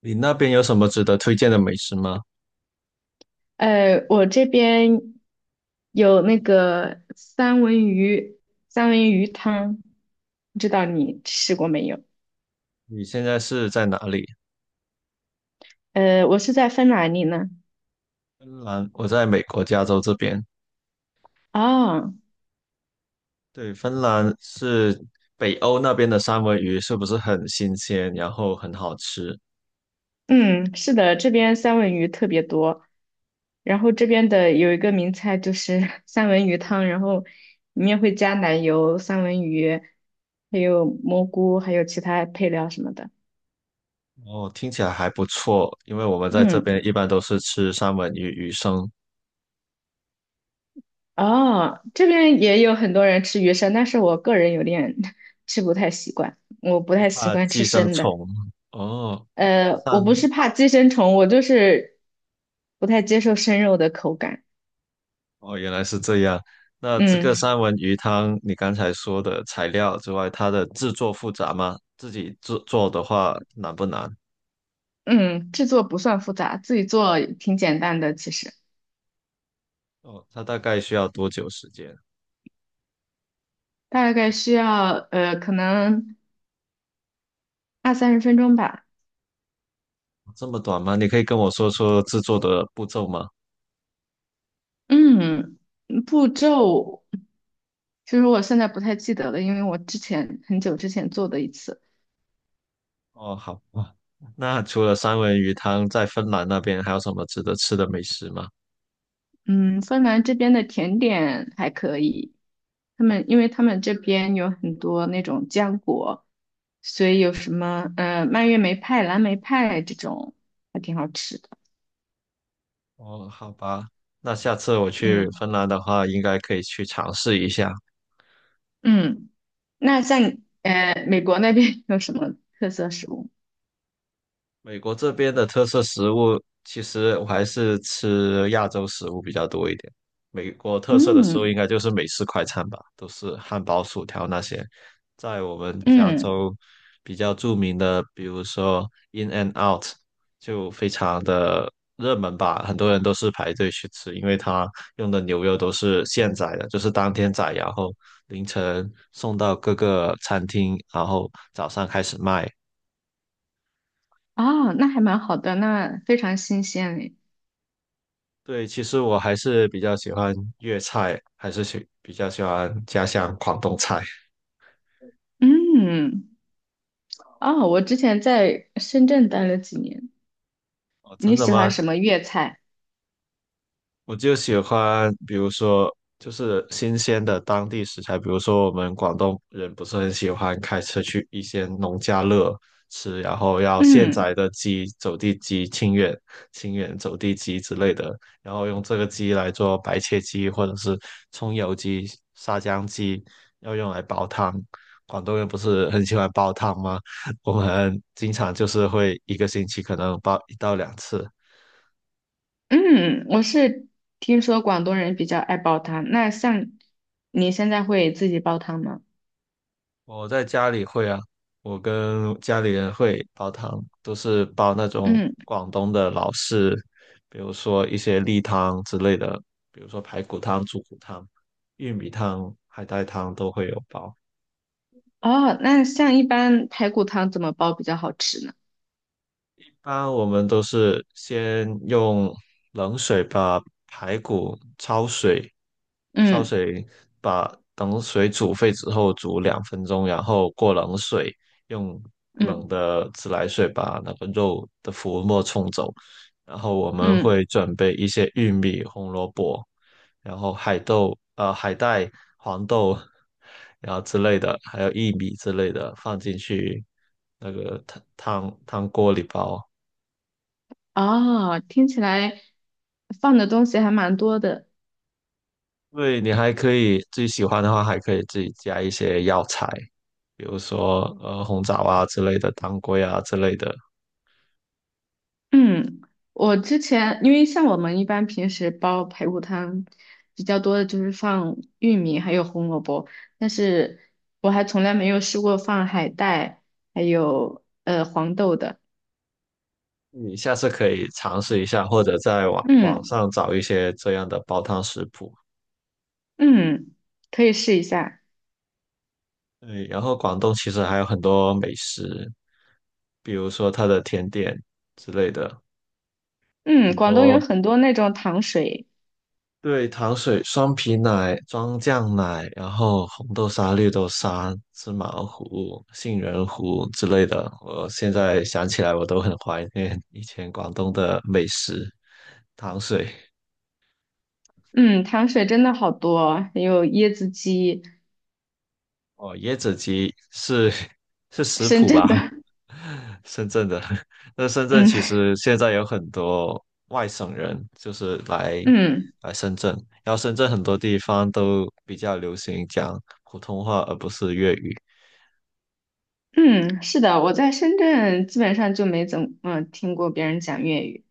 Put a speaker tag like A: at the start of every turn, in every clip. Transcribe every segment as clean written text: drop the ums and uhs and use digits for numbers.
A: 你那边有什么值得推荐的美食吗？
B: 我这边有那个三文鱼，三文鱼汤，不知道你吃过没有？
A: 你现在是在哪里？
B: 我是在芬兰，你呢？
A: 芬兰，我在美国加州这边。
B: 啊，
A: 对，芬兰是北欧那边的三文鱼，是不是很新鲜，然后很好吃？
B: 嗯，是的，这边三文鱼特别多，然后这边的有一个名菜就是 三文鱼汤，然后里面会加奶油、三文鱼，还有蘑菇，还有其他配料什么的。
A: 哦，听起来还不错，因为我们在这
B: 嗯。
A: 边一般都是吃三文鱼鱼生，
B: 哦，这边也有很多人吃鱼生，但是我个人有点 吃不太习惯，我不太习
A: 怕
B: 惯吃
A: 寄生
B: 生的。
A: 虫。哦，
B: 我不
A: 三，
B: 是怕寄生虫，我就是不太接受生肉的口感。
A: 哦，原来是这样。那这
B: 嗯
A: 个三文鱼汤，你刚才说的材料之外，它的制作复杂吗？自己制做的话难不难？
B: 嗯,制作不算复杂，自己做挺简单的，其实
A: 哦，它大概需要多久时间？
B: 大概需要可能二三十分钟吧。
A: 这么短吗？你可以跟我说说制作的步骤吗？
B: 嗯，步骤其实我现在不太记得了，因为我很久之前做的一次。
A: 哦，好吧。那除了三文鱼汤，在芬兰那边还有什么值得吃的美食吗？
B: 嗯，芬兰这边的甜点还可以，因为他们这边有很多那种浆果，所以有什么蔓越莓派、蓝莓派这种还挺好吃的。
A: 哦，好吧。那下次我去
B: 嗯
A: 芬兰的话，应该可以去尝试一下。
B: 嗯,那像你美国那边 有什么特色食物？
A: 美国这边的特色食物，其实我还是吃亚洲食物比较多一点。美国特色的食物应
B: 嗯，
A: 该就是美式快餐吧，都是汉堡、薯条那些。在我们加
B: 嗯，
A: 州比较著名的，比如说 In and Out，就非常的热门吧，很多人都是排队去吃，因为它用的牛肉都是现宰的，就是当天宰，然后凌晨送到各个餐厅，然后早上开始卖。
B: 哦，那还蛮好的，那非常新鲜诶。
A: 对，其实我还是比较喜欢粤菜，还是比较喜欢家乡广东菜。
B: 嗯，哦，我之前在深圳待了几年。
A: 哦，
B: 你
A: 真的
B: 喜欢
A: 吗？
B: 什么粤菜？
A: 我就喜欢，比如说就是新鲜的当地食材，比如说我们广东人不是很喜欢开车去一些农家乐吃，然后要现宰
B: 嗯。
A: 的鸡、走地鸡、清远走地鸡之类的，然后用这个鸡来做白切鸡或者是葱油鸡、沙姜鸡，要用来煲汤。广东人不是很喜欢煲汤吗？我们经常就是会一个星期可能煲一到两次。
B: 嗯，我是听说广东人比较爱煲汤，那像你现在会自己煲汤吗？
A: 我在家里会啊，我跟家里人会煲汤，都是煲那种
B: 嗯，
A: 广东的老式，比如说一些例汤之类的，比如说排骨汤、猪骨汤、玉米汤、海带汤都会有煲。
B: 哦，那像一般排骨汤怎么煲比较好吃呢？
A: 一般我们都是先用冷水把排骨焯水，焯
B: 嗯
A: 水把等水煮沸之后煮两分钟，然后过冷水，用
B: 嗯
A: 冷的自来水把那个肉的浮沫冲走。然后我们
B: 嗯,
A: 会准备一些玉米、红萝卜，然后海豆、海带、黄豆，然后之类的，还有薏米之类的放进去那个汤锅里煲。
B: 哦，听起来放的东西还蛮多的。
A: 对，你还可以自己喜欢的话，还可以自己加一些药材，比如说红枣啊之类的，当归啊之类的。
B: 嗯，我之前因为像我们一般平时煲排骨汤比较多的就是放玉米还有红萝卜，但是我还从来没有试过放海带还有黄豆的。
A: 你下次可以尝试一下，或者在网网
B: 嗯
A: 上找一些这样的煲汤食谱。
B: 嗯,可以试一下。
A: 对，然后广东其实还有很多美食，比如说它的甜点之类的，
B: 嗯，
A: 很
B: 广东有
A: 多
B: 很多那种糖水，
A: 对，糖水、双皮奶、装酱奶，然后红豆沙、绿豆沙、芝麻糊、杏仁糊之类的，我现在想起来我都很怀念以前广东的美食。糖水
B: 嗯，糖水真的好多，还有椰子鸡，
A: 哦，椰子鸡是 是食
B: 深
A: 谱
B: 圳
A: 吧？
B: 的。
A: 深圳的，那深 圳其
B: 嗯
A: 实现在有很多外省人，就是来
B: 嗯
A: 来深圳，然后深圳很多地方都比较流行讲普通话，而不是粤语。
B: 嗯,是的，我在深圳基本上就没怎么听过别人讲粤语。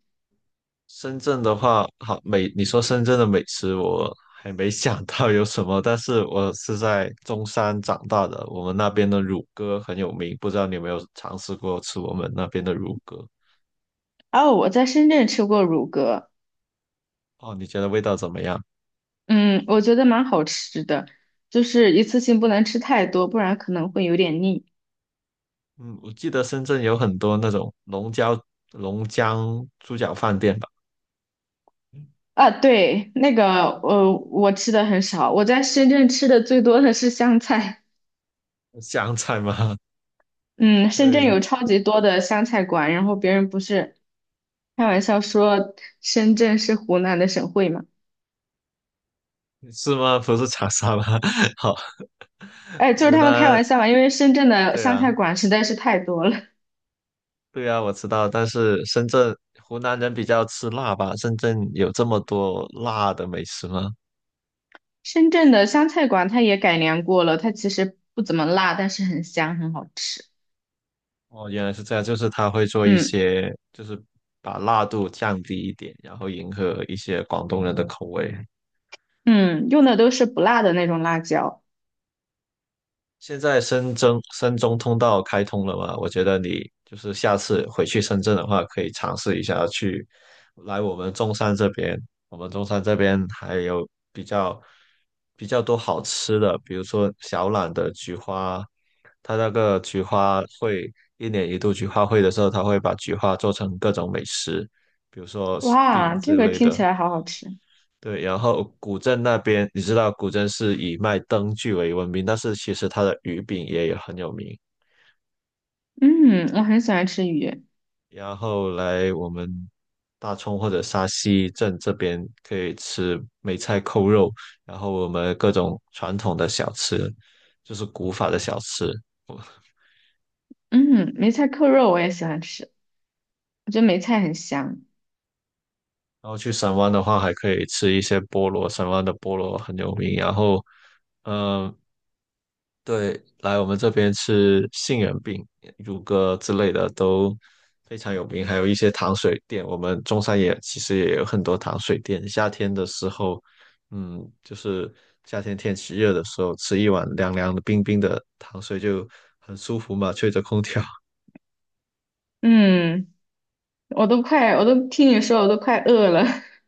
A: 深圳的话，好美，你说深圳的美食，我还没想到有什么，但是我是在中山长大的，我们那边的乳鸽很有名，不知道你有没有尝试过吃我们那边的乳鸽？
B: 哦，我在深圳吃过乳鸽，
A: 哦，你觉得味道怎么样？
B: 嗯，我觉得蛮好吃的，就是一次性不能吃太多，不然可能会有点腻。
A: 嗯，我记得深圳有很多那种龙江猪脚饭店吧，
B: 啊，对，那个，我吃的很少，我在深圳吃的最多的是香菜。
A: 湘菜吗？
B: 嗯，深圳
A: 对，
B: 有超级多的湘菜馆，然后别人不是开玩笑说深圳是湖南的省会嘛？
A: 是吗？不是长沙吗？好，
B: 哎，就是
A: 湖
B: 他们开
A: 南，
B: 玩笑嘛，因为深圳的
A: 对
B: 湘
A: 啊。
B: 菜馆实在是太多了。
A: 对啊，我知道，但是深圳湖南人比较吃辣吧？深圳有这么多辣的美食吗？
B: 深圳的湘菜馆它也改良过了，它其实不怎么辣，但是很香，很好吃。
A: 哦，原来是这样，就是他会做一
B: 嗯，
A: 些，就是把辣度降低一点，然后迎合一些广东人的口味。
B: 嗯，用的都是不辣的那种辣椒。
A: 现在深圳深中通道开通了嘛？我觉得你就是下次回去深圳的话，可以尝试一下去来我们中山这边。我们中山这边还有比较多好吃的，比如说小榄的菊花，它那个菊花会一年一度菊花会的时候，它会把菊花做成各种美食，比如说饼
B: 哇，
A: 之
B: 这个
A: 类
B: 听
A: 的。
B: 起来好好吃。
A: 对，然后古镇那边，你知道古镇是以卖灯具为闻名，但是其实它的鱼饼也很有名。
B: 嗯，我很喜欢吃鱼。
A: 然后来我们大冲或者沙溪镇这边可以吃梅菜扣肉，然后我们各种传统的小吃，就是古法的小吃。
B: 嗯，梅菜扣肉我也喜欢吃，我觉得梅菜很香。
A: 然后去神湾的话，还可以吃一些菠萝，神湾的菠萝很有名。然后，嗯、对，来我们这边吃杏仁饼、乳鸽之类的都非常有名，还有一些糖水店。我们中山也其实也有很多糖水店。夏天的时候，嗯，就是夏天天气热的时候，吃一碗凉凉的、冰冰的糖水就很舒服嘛，吹着空调。
B: 嗯。我都听你说，我都快饿了。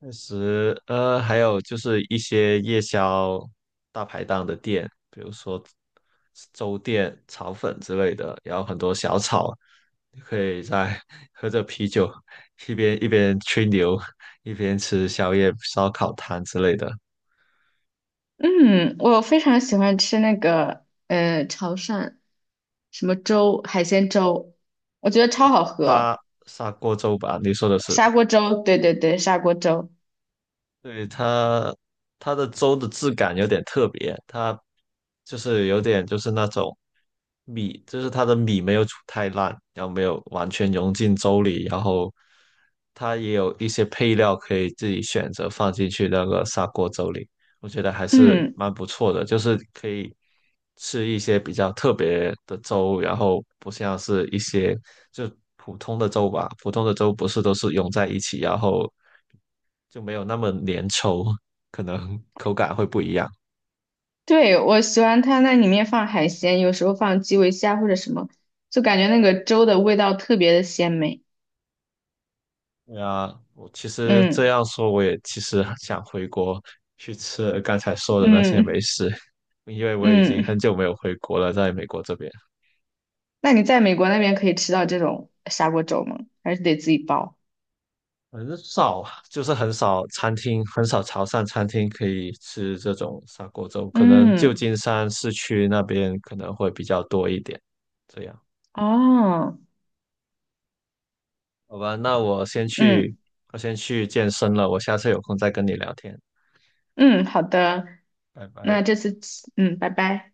A: 确实，还有就是一些夜宵大排档的店，比如说粥店、炒粉之类的，然后很多小炒，你可以在 喝着啤酒，一边吹牛，一边吃宵夜、烧烤摊之类的。
B: 嗯，我非常喜欢吃那个潮汕什么粥，海鲜粥，我觉得超好喝。
A: 砂锅粥吧，你说的是？
B: 砂锅粥，对对对，砂锅粥。
A: 对它，它的粥的质感有点特别，它就是有点就是那种米，就是它的米没有煮太烂，然后没有完全融进粥里，然后它也有一些配料可以自己选择放进去那个砂锅粥里，我觉得还是
B: 嗯，
A: 蛮不错的，就是可以吃一些比较特别的粥，然后不像是一些就普通的粥吧，普通的粥不是都是融在一起，然后就没有那么粘稠，可能口感会不一样。
B: 对，我喜欢它那里面放海鲜，有时候放基围虾或者什么，就感觉那个粥的味道特别的鲜美。
A: 对啊，我其实这
B: 嗯
A: 样说，我也其实想回国去吃刚才说的那些
B: 嗯
A: 美食，因为我已经很
B: 嗯,
A: 久没有回国了，在美国这边
B: 那你在美国那边可以吃到这种砂锅粥吗？还是得自己煲？
A: 很少，就是很少餐厅，很少潮汕餐厅可以吃这种砂锅粥，可能旧
B: 嗯，
A: 金山市区那边可能会比较多一点。这样，
B: 哦，
A: 好吧，那我先去，
B: 嗯。
A: 我先去健身了，我下次有空再跟你聊天，
B: 嗯，好的，
A: 拜
B: 那
A: 拜。
B: 这次，嗯，拜拜。